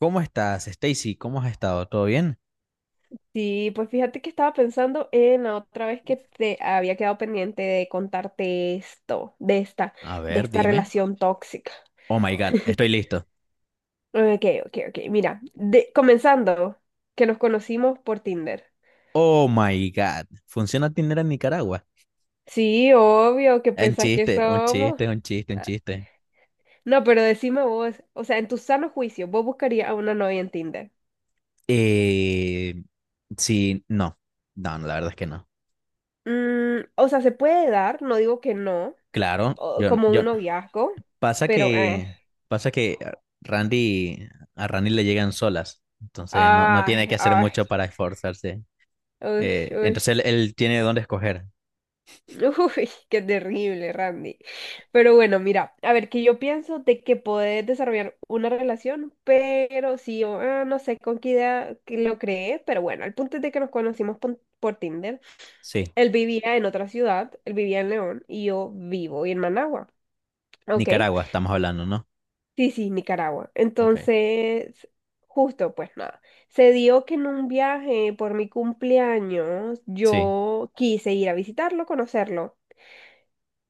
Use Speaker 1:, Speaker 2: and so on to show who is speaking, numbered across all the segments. Speaker 1: ¿Cómo estás, Stacy? ¿Cómo has estado? ¿Todo bien?
Speaker 2: Sí, pues fíjate que estaba pensando en la otra vez que te había quedado pendiente de contarte esto, de esta,
Speaker 1: A
Speaker 2: de
Speaker 1: ver,
Speaker 2: esta
Speaker 1: dime.
Speaker 2: relación tóxica.
Speaker 1: Oh my God, estoy listo.
Speaker 2: Ok, ok, ok. Mira, comenzando, que nos conocimos por Tinder.
Speaker 1: Oh my God, ¿funciona Tinder en Nicaragua?
Speaker 2: Sí, obvio, ¿qué
Speaker 1: Un
Speaker 2: pensás que
Speaker 1: chiste, un
Speaker 2: somos?
Speaker 1: chiste, un chiste, un
Speaker 2: Ah.
Speaker 1: chiste.
Speaker 2: No, pero decime vos, o sea, en tu sano juicio, ¿vos buscarías a una novia en Tinder?
Speaker 1: Eh, sí, no, no, la verdad es que no.
Speaker 2: Mm, o sea, se puede dar, no digo que no,
Speaker 1: Claro, yo,
Speaker 2: como un
Speaker 1: yo,
Speaker 2: noviazgo,
Speaker 1: pasa
Speaker 2: pero
Speaker 1: que Randy, a Randy le llegan solas, entonces no, no tiene
Speaker 2: ay,
Speaker 1: que hacer
Speaker 2: ay,
Speaker 1: mucho para esforzarse.
Speaker 2: uy.
Speaker 1: Entonces él tiene dónde escoger.
Speaker 2: Uy, qué terrible, Randy. Pero bueno, mira, a ver, que yo pienso de que podés desarrollar una relación, pero sí, no sé con qué idea que lo creé, pero bueno, el punto es de que nos conocimos por Tinder.
Speaker 1: Sí,
Speaker 2: Él vivía en otra ciudad, él vivía en León y yo vivo en Managua, ¿ok?
Speaker 1: Nicaragua, estamos hablando, ¿no?
Speaker 2: Sí, sí, Nicaragua.
Speaker 1: Ok.
Speaker 2: Entonces, justo, pues nada, se dio que en un viaje por mi cumpleaños
Speaker 1: Sí,
Speaker 2: yo quise ir a visitarlo, conocerlo.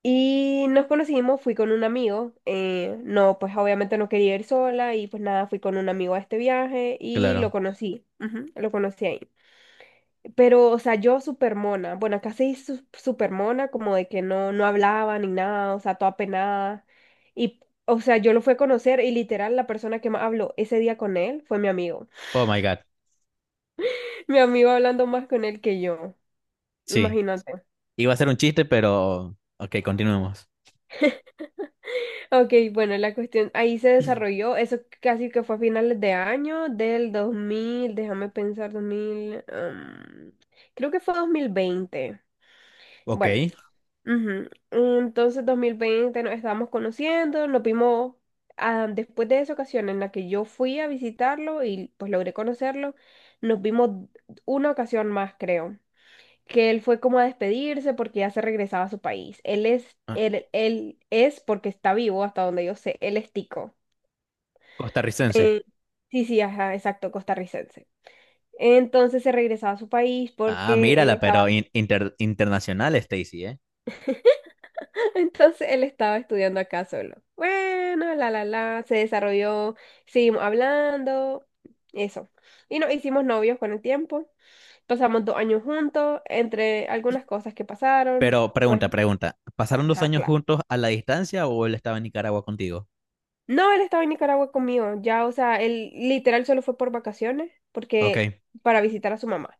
Speaker 2: Y nos conocimos, fui con un amigo, no, pues obviamente no quería ir sola y pues nada, fui con un amigo a este viaje y lo
Speaker 1: claro.
Speaker 2: conocí, ujú, lo conocí ahí. Pero, o sea, yo súper mona, bueno, casi súper mona, como de que no, no hablaba ni nada, o sea, toda penada. Y, o sea, yo lo fui a conocer y literal la persona que más habló ese día con él fue mi amigo.
Speaker 1: Oh my God.
Speaker 2: Mi amigo hablando más con él que yo,
Speaker 1: Sí.
Speaker 2: imagínate.
Speaker 1: Iba a ser un chiste, pero ok, continuemos.
Speaker 2: Ok, bueno, la cuestión ahí se desarrolló, eso casi que fue a finales de año del 2000, déjame pensar, 2000, creo que fue 2020.
Speaker 1: Ok.
Speaker 2: Bueno, ujú, entonces 2020 nos estábamos conociendo, nos vimos después de esa ocasión en la que yo fui a visitarlo y pues logré conocerlo, nos vimos una ocasión más, creo que él fue como a despedirse porque ya se regresaba a su país. Él es,
Speaker 1: Ah,
Speaker 2: él, él es porque está vivo, hasta donde yo sé, él es tico.
Speaker 1: costarricense.
Speaker 2: Sí, sí, ajá, exacto, costarricense. Entonces se regresaba a su país
Speaker 1: Ah,
Speaker 2: porque él
Speaker 1: mírala,
Speaker 2: estaba,
Speaker 1: pero internacional, Stacy, ¿eh?
Speaker 2: entonces él estaba estudiando acá solo. Bueno, se desarrolló, seguimos hablando, eso. Y nos hicimos novios con el tiempo, pasamos 2 años juntos, entre algunas cosas que pasaron,
Speaker 1: Pero
Speaker 2: pues,
Speaker 1: pregunta, pregunta. ¿Pasaron dos
Speaker 2: ajá,
Speaker 1: años
Speaker 2: claro.
Speaker 1: juntos a la distancia o él estaba en Nicaragua contigo?
Speaker 2: No, él estaba en Nicaragua conmigo, ya, o sea, él literal solo fue por vacaciones, porque
Speaker 1: Ok.
Speaker 2: para visitar a su mamá.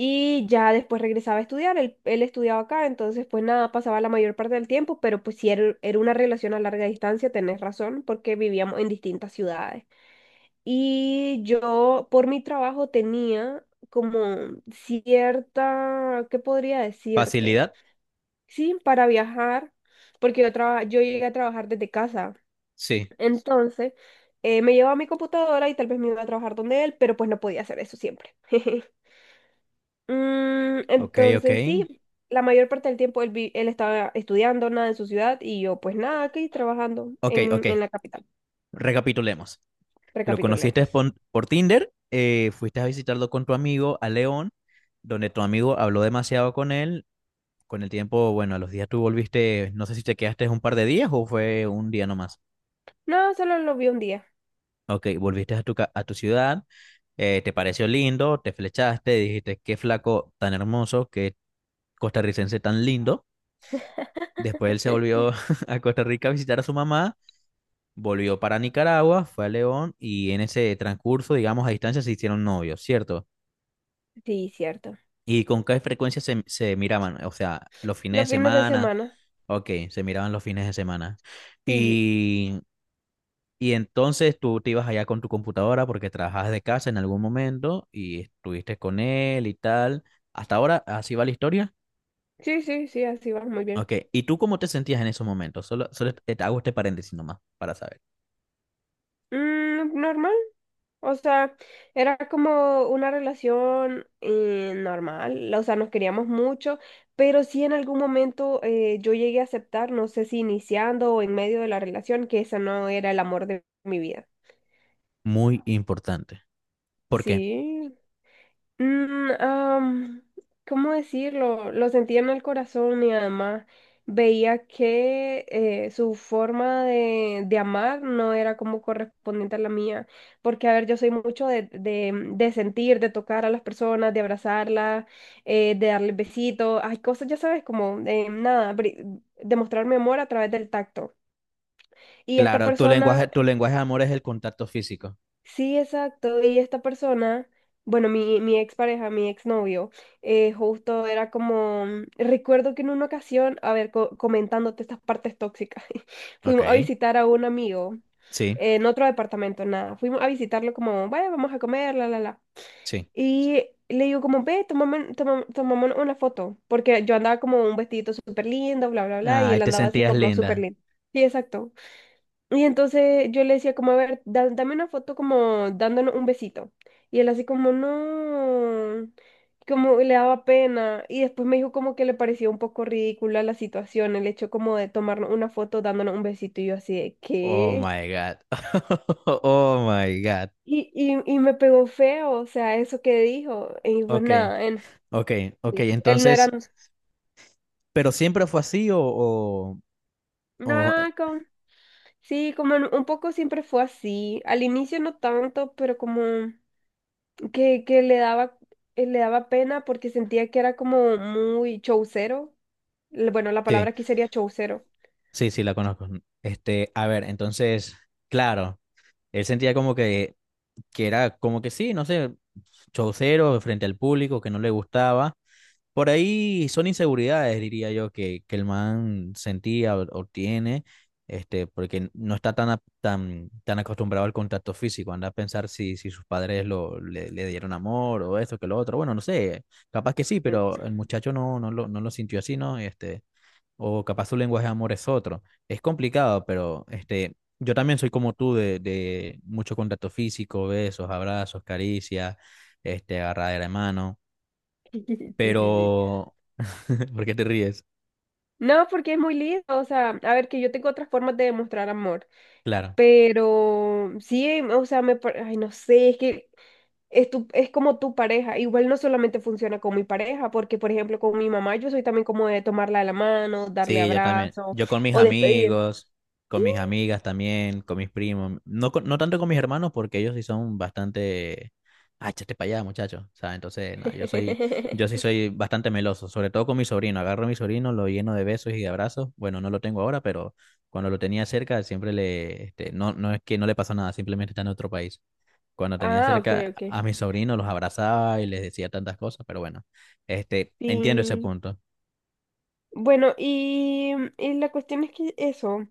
Speaker 2: Y ya después regresaba a estudiar, él estudiaba acá, entonces pues nada, pasaba la mayor parte del tiempo, pero pues si era una relación a larga distancia, tenés razón, porque vivíamos en distintas ciudades. Y yo por mi trabajo tenía como cierta, ¿qué podría decirte?
Speaker 1: ¿Facilidad?
Speaker 2: Sí, para viajar, porque yo llegué a trabajar desde casa.
Speaker 1: Sí.
Speaker 2: Entonces, me llevaba mi computadora y tal vez me iba a trabajar donde él, pero pues no podía hacer eso siempre. Mm,
Speaker 1: Ok, ok.
Speaker 2: entonces, sí, la mayor parte del tiempo él estaba estudiando nada en su ciudad y yo pues nada, aquí trabajando
Speaker 1: Ok,
Speaker 2: en,
Speaker 1: ok.
Speaker 2: en la capital.
Speaker 1: Recapitulemos. Lo conociste
Speaker 2: Recapitulemos.
Speaker 1: por Tinder, fuiste a visitarlo con tu amigo a León, donde tu amigo habló demasiado con él. Con el tiempo, bueno, a los días tú volviste, no sé si te quedaste un par de días o fue un día nomás.
Speaker 2: No, solo lo vi un día.
Speaker 1: Ok, volviste a tu, a tu ciudad, te pareció lindo, te flechaste, dijiste, qué flaco tan hermoso, qué costarricense tan lindo. Después él se volvió a Costa Rica a visitar a su mamá, volvió para Nicaragua, fue a León y en ese transcurso, digamos, a distancia se hicieron novios, ¿cierto?
Speaker 2: Sí, cierto.
Speaker 1: ¿Y con qué frecuencia se miraban? O sea, los fines de
Speaker 2: Los fines de
Speaker 1: semana,
Speaker 2: semana.
Speaker 1: ok, se miraban los fines de semana.
Speaker 2: Sí,
Speaker 1: Y y entonces tú te ibas allá con tu computadora porque trabajabas de casa en algún momento y estuviste con él y tal. Hasta ahora, así va la historia.
Speaker 2: sí, sí, sí, así va, muy bien.
Speaker 1: Ok, ¿y tú cómo te sentías en esos momentos? Solo, solo te hago este paréntesis nomás para saber.
Speaker 2: Mm, normal. O sea, era como una relación normal, o sea, nos queríamos mucho, pero sí en algún momento yo llegué a aceptar, no sé si iniciando o en medio de la relación, que ese no era el amor de mi vida.
Speaker 1: Muy importante. ¿Por qué?
Speaker 2: Sí. Mm, ¿cómo decirlo? Lo sentía en el corazón y además veía que su forma de amar no era como correspondiente a la mía. Porque, a ver, yo soy mucho de sentir, de tocar a las personas, de abrazarlas, de darles besitos. Hay cosas, ya sabes, como de nada, demostrar mi amor a través del tacto. Y esta
Speaker 1: Claro,
Speaker 2: persona.
Speaker 1: tu lenguaje de amor es el contacto físico.
Speaker 2: Sí, exacto. Y esta persona, bueno, mi expareja, mi exnovio, justo era como, recuerdo que en una ocasión, a ver, comentándote estas partes tóxicas, fuimos a
Speaker 1: Ok,
Speaker 2: visitar a un amigo
Speaker 1: sí,
Speaker 2: en otro departamento, nada. Fuimos a visitarlo como, vaya, vamos a comer, la, la, la.
Speaker 1: sí.
Speaker 2: Y le digo como, ve, tomémonos una foto, porque yo andaba como un vestidito súper lindo, bla, bla, bla, y
Speaker 1: Ay,
Speaker 2: él
Speaker 1: te
Speaker 2: andaba así
Speaker 1: sentías
Speaker 2: como súper
Speaker 1: linda.
Speaker 2: lindo. Sí, exacto. Y entonces yo le decía como, a ver, dame una foto como dándonos un besito. Y él así como, no, como le daba pena. Y después me dijo como que le parecía un poco ridícula la situación, el hecho como de tomarnos una foto dándonos un besito. Y yo así de,
Speaker 1: Oh
Speaker 2: ¿qué?
Speaker 1: my God. Oh my God.
Speaker 2: Y me pegó feo, o sea, eso que dijo. Y pues
Speaker 1: Ok,
Speaker 2: nada,
Speaker 1: ok, ok.
Speaker 2: él no era...
Speaker 1: Entonces, ¿pero siempre fue así o, o-
Speaker 2: No,
Speaker 1: o
Speaker 2: como, sí, como un poco siempre fue así. Al inicio no tanto, pero como... que le daba pena porque sentía que era como muy chaucero. Bueno, la
Speaker 1: sí,
Speaker 2: palabra aquí sería chaucero.
Speaker 1: sí, sí, la conozco. Este, a ver, entonces, claro, él sentía como que era como que sí, no sé, chaucero frente al público, que no le gustaba. Por ahí son inseguridades, diría yo, que el man sentía o tiene, este, porque no está tan, tan, tan acostumbrado al contacto físico. Anda a pensar si, si sus padres lo, le dieron amor o esto, que lo otro. Bueno, no sé, capaz que sí, pero el muchacho no, no lo, no lo sintió así, ¿no? Este o capaz su lenguaje de amor es otro. Es complicado, pero este, yo también soy como tú de mucho contacto físico, besos, abrazos, caricias, este, agarradera de mano,
Speaker 2: Sí, sí, sí.
Speaker 1: pero ¿por qué te ríes?
Speaker 2: No, porque es muy lindo, o sea, a ver, que yo tengo otras formas de demostrar amor,
Speaker 1: Claro.
Speaker 2: pero sí, o sea, ay, no sé, es que es, tu, es como tu pareja. Igual no solamente funciona con mi pareja, porque por ejemplo con mi mamá yo soy también como de tomarla de la mano, darle
Speaker 1: Sí, yo también.
Speaker 2: abrazo
Speaker 1: Yo con mis
Speaker 2: o despedir.
Speaker 1: amigos,
Speaker 2: Sí.
Speaker 1: con mis amigas también, con mis primos. No, no tanto con mis hermanos porque ellos sí son bastante... Ah, échate para allá, muchacho. O sea, entonces, nada, yo soy, yo sí soy bastante meloso, sobre todo con mi sobrino. Agarro a mi sobrino, lo lleno de besos y de abrazos. Bueno, no lo tengo ahora, pero cuando lo tenía cerca, siempre le, este, no, no es que no le pasó nada, simplemente está en otro país. Cuando tenía
Speaker 2: Ah, ok,
Speaker 1: cerca
Speaker 2: ok.
Speaker 1: a mi sobrino, los abrazaba y les decía tantas cosas, pero bueno, este, entiendo ese
Speaker 2: Sí.
Speaker 1: punto,
Speaker 2: Bueno, y la cuestión es que eso.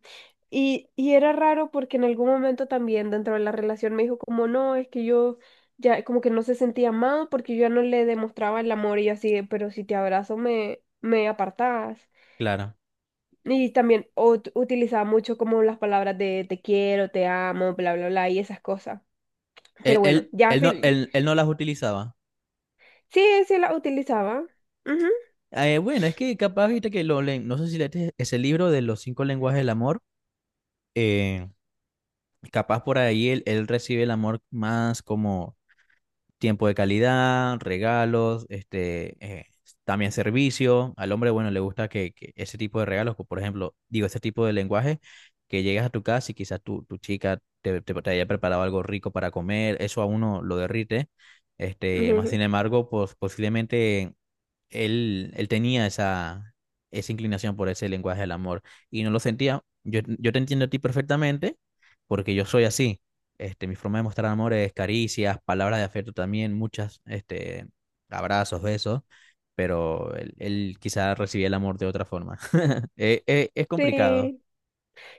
Speaker 2: Y era raro porque en algún momento también dentro de la relación me dijo como no, es que yo ya como que no se sentía amado porque yo ya no le demostraba el amor y yo así, de, pero si te abrazo me apartás.
Speaker 1: claro.
Speaker 2: Y también utilizaba mucho como las palabras de te quiero, te amo, bla, bla, bla, y esas cosas.
Speaker 1: Él,
Speaker 2: Pero bueno,
Speaker 1: él,
Speaker 2: ya
Speaker 1: él no,
Speaker 2: fin.
Speaker 1: él no las utilizaba.
Speaker 2: Sí, sí las utilizaba. Ujú.
Speaker 1: Bueno, es que capaz, viste que lo leen, no sé si leíste ese libro de los cinco lenguajes del amor, eh, capaz por ahí él recibe el amor más como tiempo de calidad, regalos, este, también servicio. Al hombre, bueno, le gusta que ese tipo de regalos, por ejemplo, digo, ese tipo de lenguaje, que llegas a tu casa y quizás tu chica te haya preparado algo rico para comer, eso a uno lo derrite. Este, más sin embargo, pues posiblemente él tenía esa, esa inclinación por ese lenguaje del amor y no lo sentía. Yo te entiendo a ti perfectamente porque yo soy así. Este, mi forma de mostrar amor es caricias, palabras de afecto también, muchas, este, abrazos, besos, pero él quizá recibía el amor de otra forma. Es complicado.
Speaker 2: Sí.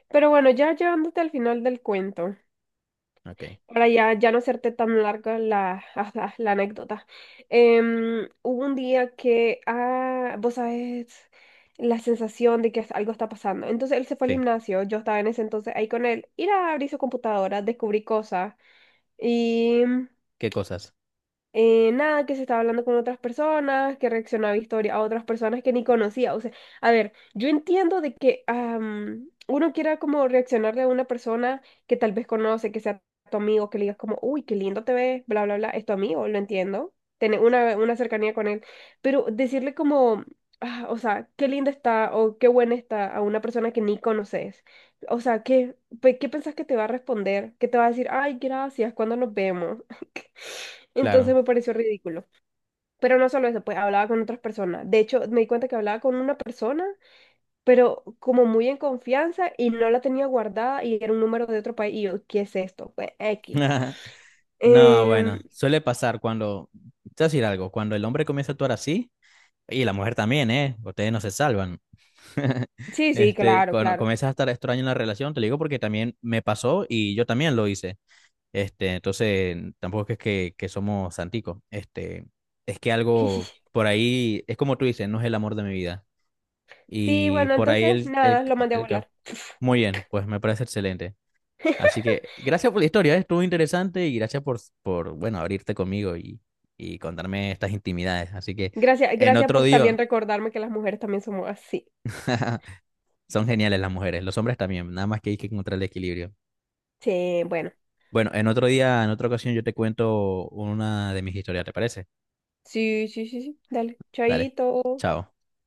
Speaker 2: Pero bueno, ya llevándote al final del cuento,
Speaker 1: Ok,
Speaker 2: para ya, ya no hacerte tan larga la, la anécdota. Hubo un día que, vos sabés, la sensación de que algo está pasando. Entonces él se fue al
Speaker 1: sí,
Speaker 2: gimnasio, yo estaba en ese entonces ahí con él, ir a abrir su computadora, descubrí cosas y...
Speaker 1: qué cosas,
Speaker 2: nada, que se estaba hablando con otras personas, que reaccionaba a historia a otras personas que ni conocía. O sea, a ver, yo entiendo de que uno quiera como reaccionarle a una persona que tal vez conoce, que sea tu amigo, que le digas como, uy, qué lindo te ves, bla, bla, bla, es tu amigo, lo entiendo, tener una cercanía con él, pero decirle como, "Ah, o sea, qué linda está o qué buena está a una persona que ni conoces. O sea, ¿qué pensás que te va a responder? ¿Qué te va a decir? Ay, gracias, ¿cuándo nos vemos? Entonces
Speaker 1: claro.
Speaker 2: me pareció ridículo. Pero no solo eso, pues hablaba con otras personas. De hecho, me di cuenta que hablaba con una persona, pero como muy en confianza y no la tenía guardada y era un número de otro país. Y yo, ¿qué es esto? Pues X.
Speaker 1: No,
Speaker 2: Em,
Speaker 1: bueno, suele pasar cuando, te voy a decir algo, cuando el hombre comienza a actuar así, y la mujer también, ¿eh? Ustedes no se salvan.
Speaker 2: sí, sí,
Speaker 1: Este,
Speaker 2: claro,
Speaker 1: cuando
Speaker 2: claro.
Speaker 1: comienzas a estar extraño en la relación, te lo digo porque también me pasó y yo también lo hice. Este, entonces, tampoco es que somos santicos. Este, es que algo por ahí, es como tú dices, no es el amor de mi vida.
Speaker 2: Sí,
Speaker 1: Y
Speaker 2: bueno,
Speaker 1: por ahí
Speaker 2: entonces nada, lo mandé a
Speaker 1: el
Speaker 2: volar.
Speaker 1: muy bien, pues me parece excelente. Así que gracias por la historia, ¿eh? Estuvo interesante y gracias por bueno, abrirte conmigo y contarme estas intimidades. Así que
Speaker 2: Gracias,
Speaker 1: en
Speaker 2: gracias
Speaker 1: otro
Speaker 2: por
Speaker 1: día.
Speaker 2: también recordarme que las mujeres también somos así.
Speaker 1: Son geniales las mujeres, los hombres también, nada más que hay que encontrar el equilibrio.
Speaker 2: Sí, bueno.
Speaker 1: Bueno, en otro día, en otra ocasión yo te cuento una de mis historias, ¿te parece?
Speaker 2: Sí, sí, sí, sí. Dale,
Speaker 1: Dale,
Speaker 2: chaito.
Speaker 1: chao.